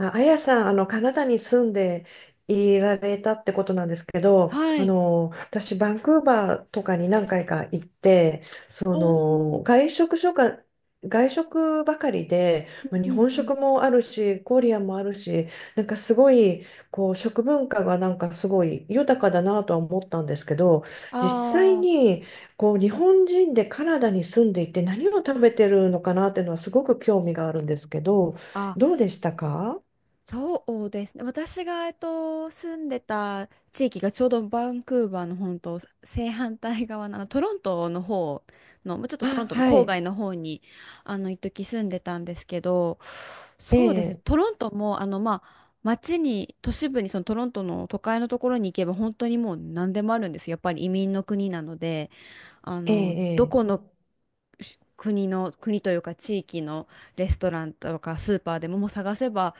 あ、あやさん、カナダに住んでいられたってことなんですけど、はい。私、バンクーバーとかに何回か行って、おーん。外食所が、外食ばかりで、まあう日んうん本うん。食もあるし、コリアンもあるし、なんかすごい、食文化がなんかすごい豊かだなとは思ったんですけど、あ実際あ、に、日本人でカナダに住んでいて何をう食ん。べてるのかなっていうのはすごく興味があるんですけど、あ、どうでしたか？そうですね。私が、住んでた地域がちょうどバンクーバーの本当正反対側の、あのトロントの方の、もうちょっとトあ、ロントのは郊い。外の方に、あの、一時住んでたんですけど、えそうですね。え、トロントも、あの、まあ、街に、都市部に、そのトロントの都会のところに行けば、本当にもう何でもあるんですよ。やっぱり移民の国なので。あえの、どえ、この国の、国というか地域のレストランとかスーパーでも、もう探せば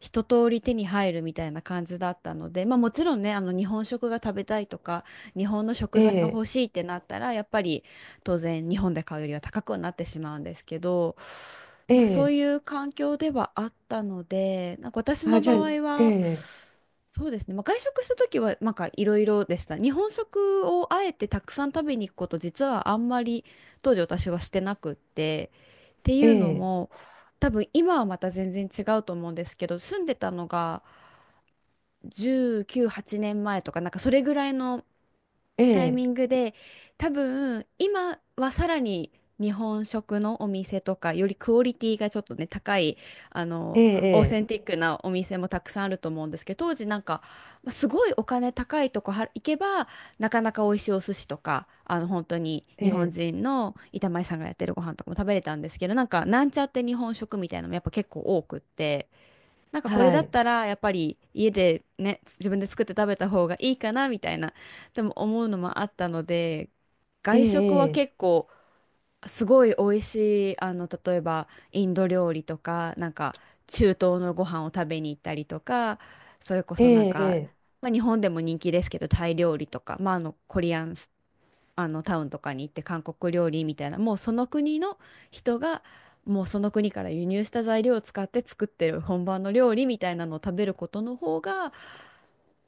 一通り手に入るみたいな感じだったので、まあ、もちろんね、あの日本食が食べたいとか、日本の食え材が欲え、しいってなったら、やっぱり当然日本で買うよりは高くはなってしまうんですけど、えまあ、そうえ、いう環境ではあったので、なんか私のあ、じ場ゃあ、合えは、え、そうですね、まあ、外食した時はなんかいろいろでした。日本食をあえてたくさん食べに行くこと実はあんまり当時私はしてなくって、っていえうのえ、も、多分今はまた全然違うと思うんですけど、住んでたのが19、8年前とかなんかそれぐらいのえタイえ、ミングで、多分今はさらに日本食のお店とかよりクオリティがちょっとね、高い、あえのオーセンえ、ティックなお店もたくさんあると思うんですけど、当時なんか、まあすごいお金高いとこは行けばなかなか美味しいお寿司とか、あの本当にえ日本え、人の板前さんがやってるご飯とかも食べれたんですけど、なんかなんちゃって日本食みたいなのもやっぱ結構多くって。なんかこれはだっい。たらやっぱり家でね、自分で作って食べた方がいいかなみたいな、でも思うのもあったので、え外食はえ、結構すごい美味しい、あの、例えばインド料理とか、なんか中東のご飯を食べに行ったりとか、それこえそなんか、え、ええ、まあ、日本でも人気ですけどタイ料理とか、まあ、あのコリアン、あのタウンとかに行って韓国料理みたいな、もうその国の人がもうその国から輸入した材料を使って作ってる本場の料理みたいなのを食べることの方が、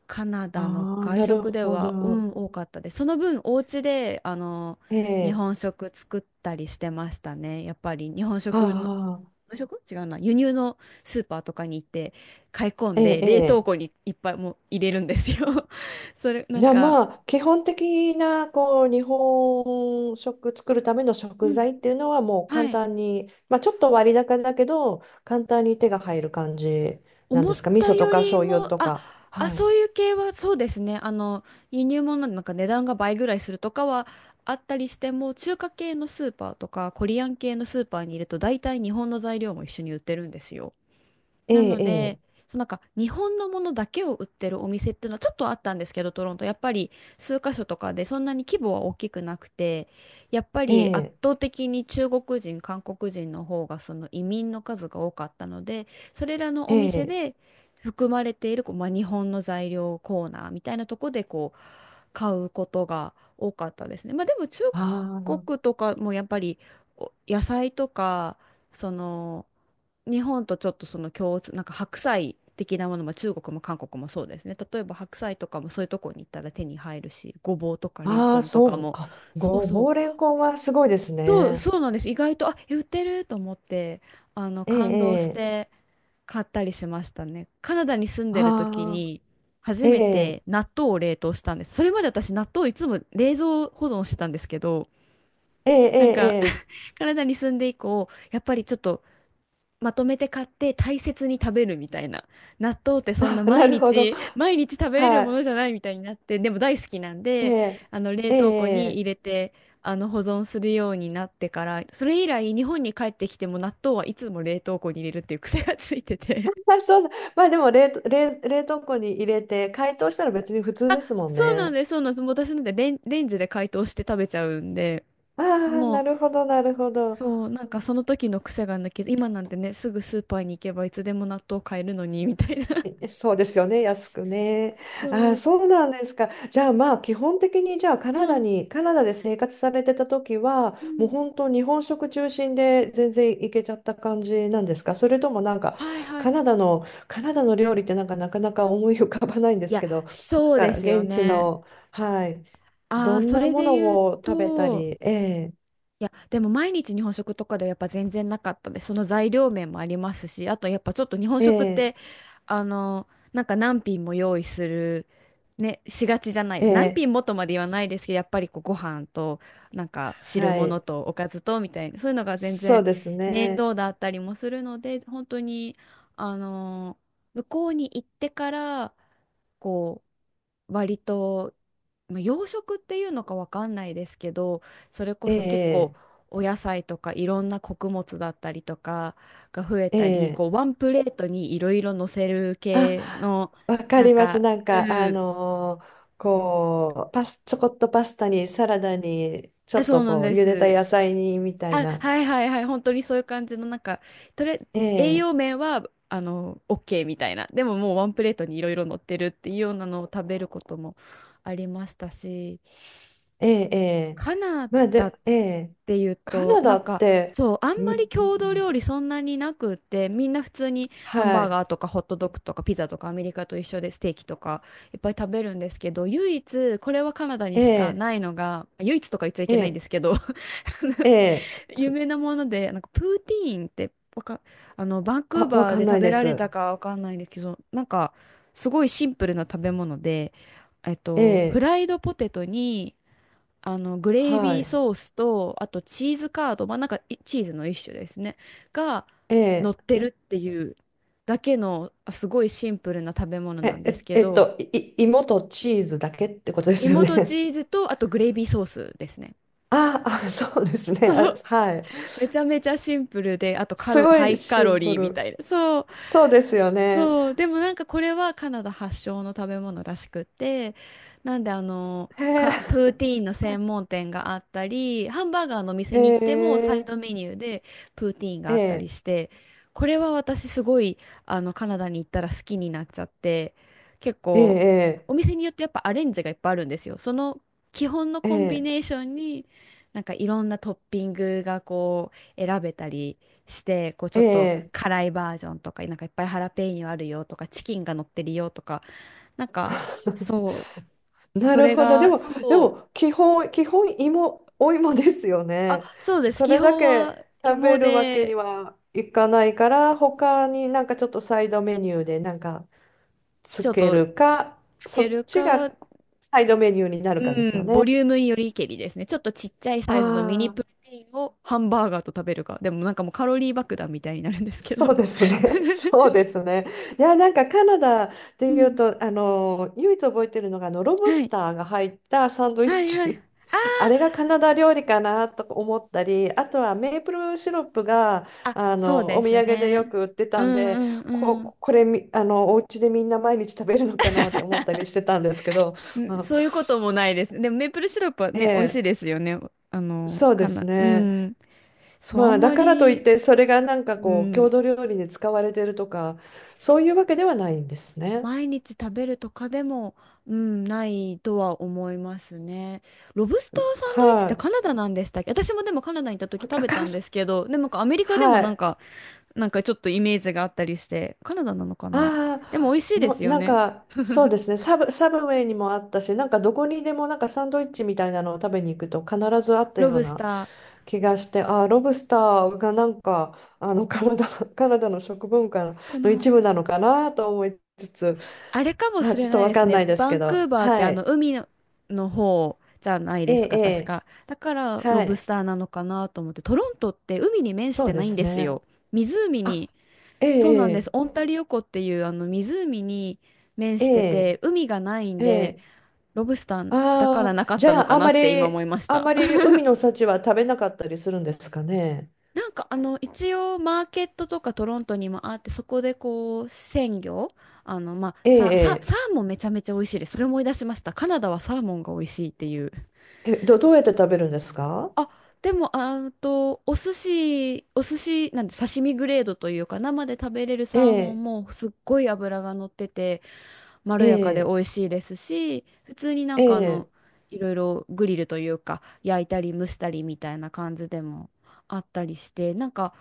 カナダのああー、外なる食でほはうど。ん、多かったです。その分お家であのえ日え、本食作ったりしてましたね。やっぱりああ、日本食、違うな、輸入のスーパーとかに行って買い込えんえ、でえ冷凍え。庫にいっぱいもう入れるんですよ。 それなじんゃあか、まあ、基本的な、日本食作るためのう食ん、材っていうのはもう簡はい、単に、まあ、ちょっと割高だけど、簡単に手が入る感じなん思でっすか？味た噌とよかり醤油も、とあ、か。あ、はそうい。いう系はそうですね。あの、輸入物なんでなんか値段が倍ぐらいするとかはあったりしても、中華系のスーパーとか、コリアン系のスーパーにいると、大体日本の材料も一緒に売ってるんですよ。なえので、え、そう、なんか日本のものだけを売ってるお店っていうのはちょっとあったんですけど、トロント、やっぱり数カ所とかで、そんなに規模は大きくなくて、やっぱええ、りえ圧え、倒的に中国人、韓国人の方がその移民の数が多かったので、それらのえお店え、で含まれているこう、まあ、日本の材料コーナーみたいなとこで買うことが多かったですね。まあでも中あ国とかもやっぱりお野菜とか、その、日本とちょっとその共通、なんか白菜的なものも中国も韓国もそうですね。例えば白菜とかもそういうとこに行ったら手に入るし、ごぼうとかレンあ、あコあ、ンとそかう、も、あ、そうごそう、ぼうれんこんはすごいですそうね。そうなんです。意外と売ってると思って、あのええ、感動しええ、て。買ったりしましたね。カナダに住んでる時ああ、に初えめえ、て納豆を冷凍したんです。それまで私納豆いつも冷蔵保存してたんですけど、ええ、えなんえ、か、 え え、カナダに住んで以降、やっぱりちょっとまとめて買って大切に食べるみたいな。納豆ってそんなあ、な毎るほど。日、毎日食べれるはものい、じゃないみたいになって、でも大好きなんえで、え、あの冷え凍庫にえ、入れて、あの保存するようになってから、それ以来日本に帰ってきても納豆はいつも冷凍庫に入れるっていう癖がついてて、あ、そうだ。まあでも冷凍庫に入れて解凍したら別に普通ですもんそうなんね。です、そうなんです。もう私なんてレンジで解凍して食べちゃうんで、ああ、もなう、るほど、なるほど。そう、なんかその時の癖が抜けど、今なんてね、すぐスーパーに行けばいつでも納豆買えるのに、みたいな。え、そうですよね、安くね。あそあ、う。そうなんですか。じゃあまあ基本的にじゃあうん。カナダで生活されてた時は、うもうん。本当日本食中心で全然いけちゃった感じなんですか？それともなんかはいはい。いカナダの料理ってなんかなかなか思い浮かばないんですや、けど、そうなでんかすよ現地ね。の、はい、あどあ、んそなれもでの言うを食べたと、り、ええ、いや、でも毎日日本食とかではやっぱ全然なかったです。その材料面もありますし、あとやっぱちょっと日本え食っえ、て、あの、なんか何品も用意する、ね、しがちじゃない。え何え、品もとまで言わないですけど、やっぱりこうご飯と、なんか汁は物い、とおかずとみたいな、そういうのが全そ然うです面ね、倒だったりもするので、本当に、あの、向こうに行ってから、こう、割と、まあ、洋食っていうのかわかんないですけど、それこえそ結構え、お野菜とかいろんな穀物だったりとかが増ええたり、え。こうワンプレートにいろいろ乗せる系あ、の、わかなんります。か、なんか、うん、ちょこっとパスタに、サラダに、ちょえっそとうなんで茹でたす。野菜に、みたいあ、な。はいはいはい、本当にそういう感じの、なんか、とりあえずえ栄え、養面は、あの、OK みたいな。でももうワンプレートにいろいろ乗ってるっていうようなのを食べることもありましたし、ええ、ええ。カナまあ、ダっで、ええ、ていうカと、ナなダんっか、て、そう、あんまん、ん、り郷土料理そんなになくって、みんな普通にハンはバーい、ガーとかホットドッグとかピザとかアメリカと一緒でステーキとかいっぱい食べるんですけど、唯一、これはカナダにえしかえ、ないのが、唯一とか言っちゃいえけないんでえ、すけど、え え、有名なもので、なんかプーティーンってわか、あの、バンクあ、ーわバーかんでな食いべでられたす。かわかんないんですけど、なんか、すごいシンプルな食べ物で、えっえと、フえ、ライドポテトに、あの、グレイはビーい、ソースと、あとチーズカード、まあ、なんかチーズの一種ですね。がえ乗っえ、てるっていうだけの、あすごいシンプルな食べ物なんえ、ですえ、けど、い芋とチーズだけってことですよ芋とチね。ーズと、あとグレイビーソースですね。ああ、そうですね。そあ、う。はい。めちゃめちゃシンプルで、あとカすロ、ごハいイシカロンプリーみたル。いな。そう。そうですよね。そう、でもなんかこれはカナダ発祥の食べ物らしくって、なんで、あの、へえ、か、プーティーンの専門店があったり、ハンバーガーのお店へに行ってもサイえ、ドメニューでプーティーンがえあったりえ、して、これは私すごい、あのカナダに行ったら好きになっちゃって、結え構え、お店によってやっぱアレンジがいっぱいあるんですよ。その基本のえコンビえ、ネーションになんかいろんなトッピングがこう選べたり。して、こうちょっとええ、辛いバージョンとか、なんかいっぱいハラペーニョあるよとか、チキンが乗ってるよとか、なんか、そう、なそるれほど。でが、も、そう、基本、お芋ですよあ、ね。そうです。そ基れだ本けは食芋べるわけにで、はいかないから、他になんかちょっとサイドメニューでなんかちつょっけとるか、つそけっるちか、がサイドメニューになるかですうよん、ボね。リュームによりけりですね。ちょっとちっちゃいあサイズのミニプルあ。テインをハンバーガーと食べるか。でもなんかもうカロリー爆弾みたいになるんですけど。そうですね。そうですね。いや、なんかカナダってういうん、と、唯一覚えてるのが、ロブはスい。ターが入ったサンドイはッいはい。チ。あれがカナダ料理かなとか思ったり、あとはメープルシロップが、あ、そうでお土す産でよね。く売ってうたんんで、うんうん。こ、これみ、あの、お家でみんな毎日食べるのかなって思ったりしてたんですけど、まあ、そういうこともないです。でもメープルシロップはえね、美味しいえ、ですよね。あの、そうかですな、うね。ん。そう、あまあ、んだまからといっり、て、それがなんかう郷ん、土料理に使われてるとか、そういうわけではないんですね。毎日食べるとかでも、うん、ないとは思いますね。ロブスターサンドイッチっはてい。カナダなんでしたっけ？私もでもカナダに行った時わ食かべかたる、んですけど、でもなんかアメリカでもはなんい。か、なんかちょっとイメージがあったりして、カナダなのかな。あでも美味しあ、いですよなんね。か、そうですね。サブウェイにもあったし、なんかどこにでもなんかサンドイッチみたいなのを食べに行くと必ずあったロようブスなタ気がして、ああ、ロブスターがなんか、カナダの食文化ーかのな。一部なのかなと思いつつ、あれかもしあ、ちれょっとないわでかすんなね。いですバけンクど、ーバーってはあのい。海の、の方じゃないえでえ、すか、え確え。か。だからロはブスい。ターなのかなと思って。トロントって海に面しそてうなでいんすですね。よ。湖あ、に、えそうなんです。え、オンタリオ湖っていうあの湖に面えしてえ、て、海がないんええ、えで、え。ロブスターだからあなあ、かっじたゃのあ、かなって今思いましあた。まり海の幸は食べなかったりするんですかね。なんかあの一応マーケットとかトロントにもあって、そこでこう鮮魚、あのまあええ、サーモンめちゃめちゃ美味しいです。それ思い出しました。カナダはサーモンが美味しいっていう。ええ。え、どうやって食べるんですか？あ、でもあんとお寿司、お寿司なんて刺身グレードというか、生で食べれるえサーモンえ、もすっごい脂が乗っててまえろやかで美え、味しいですし、普通になんえかあの、え、いろいろグリルというか、焼いたり蒸したりみたいな感じでもあったりして、なんか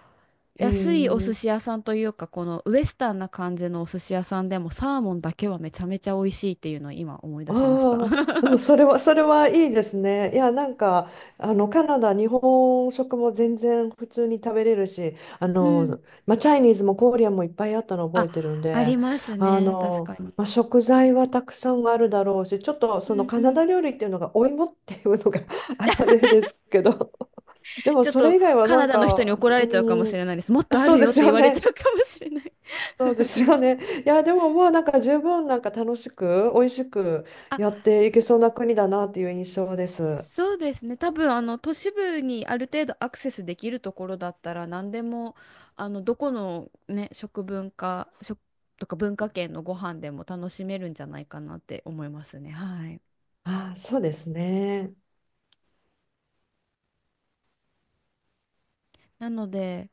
へ安いお寿え。司屋さんというか、このウエスタンな感じのお寿司屋さんでもサーモンだけはめちゃめちゃ美味しいっていうのを今思い出しました。ああ、でもそれはいいですね。いや、なんか、カナダ、日本食も全然普通に食べれるし、うん。まあ、チャイニーズもコーリアンもいっぱいあったの覚あ、えてるんありで、ますね。確かに。まあ、食材はたくさんあるだろうし、ちょっとうそのんカうナん。ダ料理っていうのがお芋っていうのが あれですけど、でもちょっそれと以外はカなナんダの人にか、怒じられちゃうかもうしん、れないです。もっあ、とあそうるでよっすて言よわれちゃね。うかもしれない。そうですよね。いや、でもまあなんか十分なんか楽しく、美味しくあ、やっていけそうな国だなっていう印象です。そうですね。多分、あの、都市部にある程度アクセスできるところだったら、何でも、あの、どこのね、食文化、食とか文化圏のご飯でも楽しめるんじゃないかなって思いますね。はい。あ、そうですね。なので、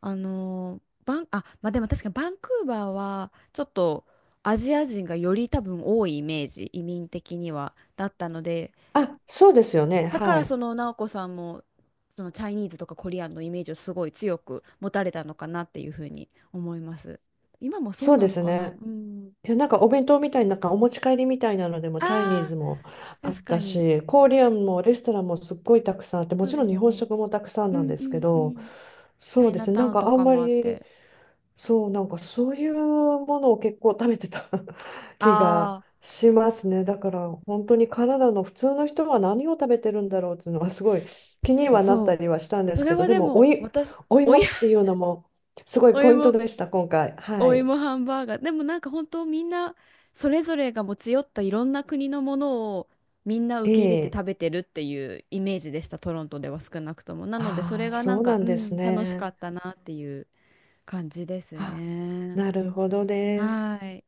あの、バン、あ、まあ、でも確かにバンクーバーは、ちょっとアジア人がより多分多いイメージ、移民的には、だったので、あ、そうですよね。だかはらそい。の直子さんもそのチャイニーズとかコリアンのイメージをすごい強く持たれたのかなっていうふうに思います。今もそうそうなでのすかな、ね。うん。いや、なんかお弁当みたいななんかお持ち帰りみたいなのでもチャイニーあズあ、もあ確っかたに。し、コリアンもレストランもすっごいたくさんあって、もそうちろでんす日よ本ね。食もたくさんうなんんでうすけんうど、ん。チそャうイでナすね。なタんウンかとあんかまもあっりて。そう、なんかそういうものを結構食べてた 気あがあ、しますね。だから本当にカナダの普通の人は何を食べてるんだろうっていうのはすごい気確にかにはなったそりはしたんでう。そすれけど、はででもも私、おお芋い、っていうのもすご いおいポイントも、でした、今回。はおい。芋ハンバーガー。でもなんか本当みんなそれぞれが持ち寄ったいろんな国のものをみんなえ受け入れてえ。食べてるっていうイメージでした、トロントでは少なくとも。なのでそあれあ、がなそんうか、なんうですん、楽しかね。ったなっていう感じですあ、ね。なるほどです。はい。い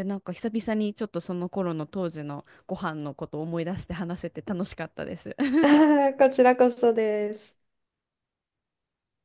やなんか久々にちょっとその頃の当時のご飯のことを思い出して話せて楽しかったです。こちらこそです。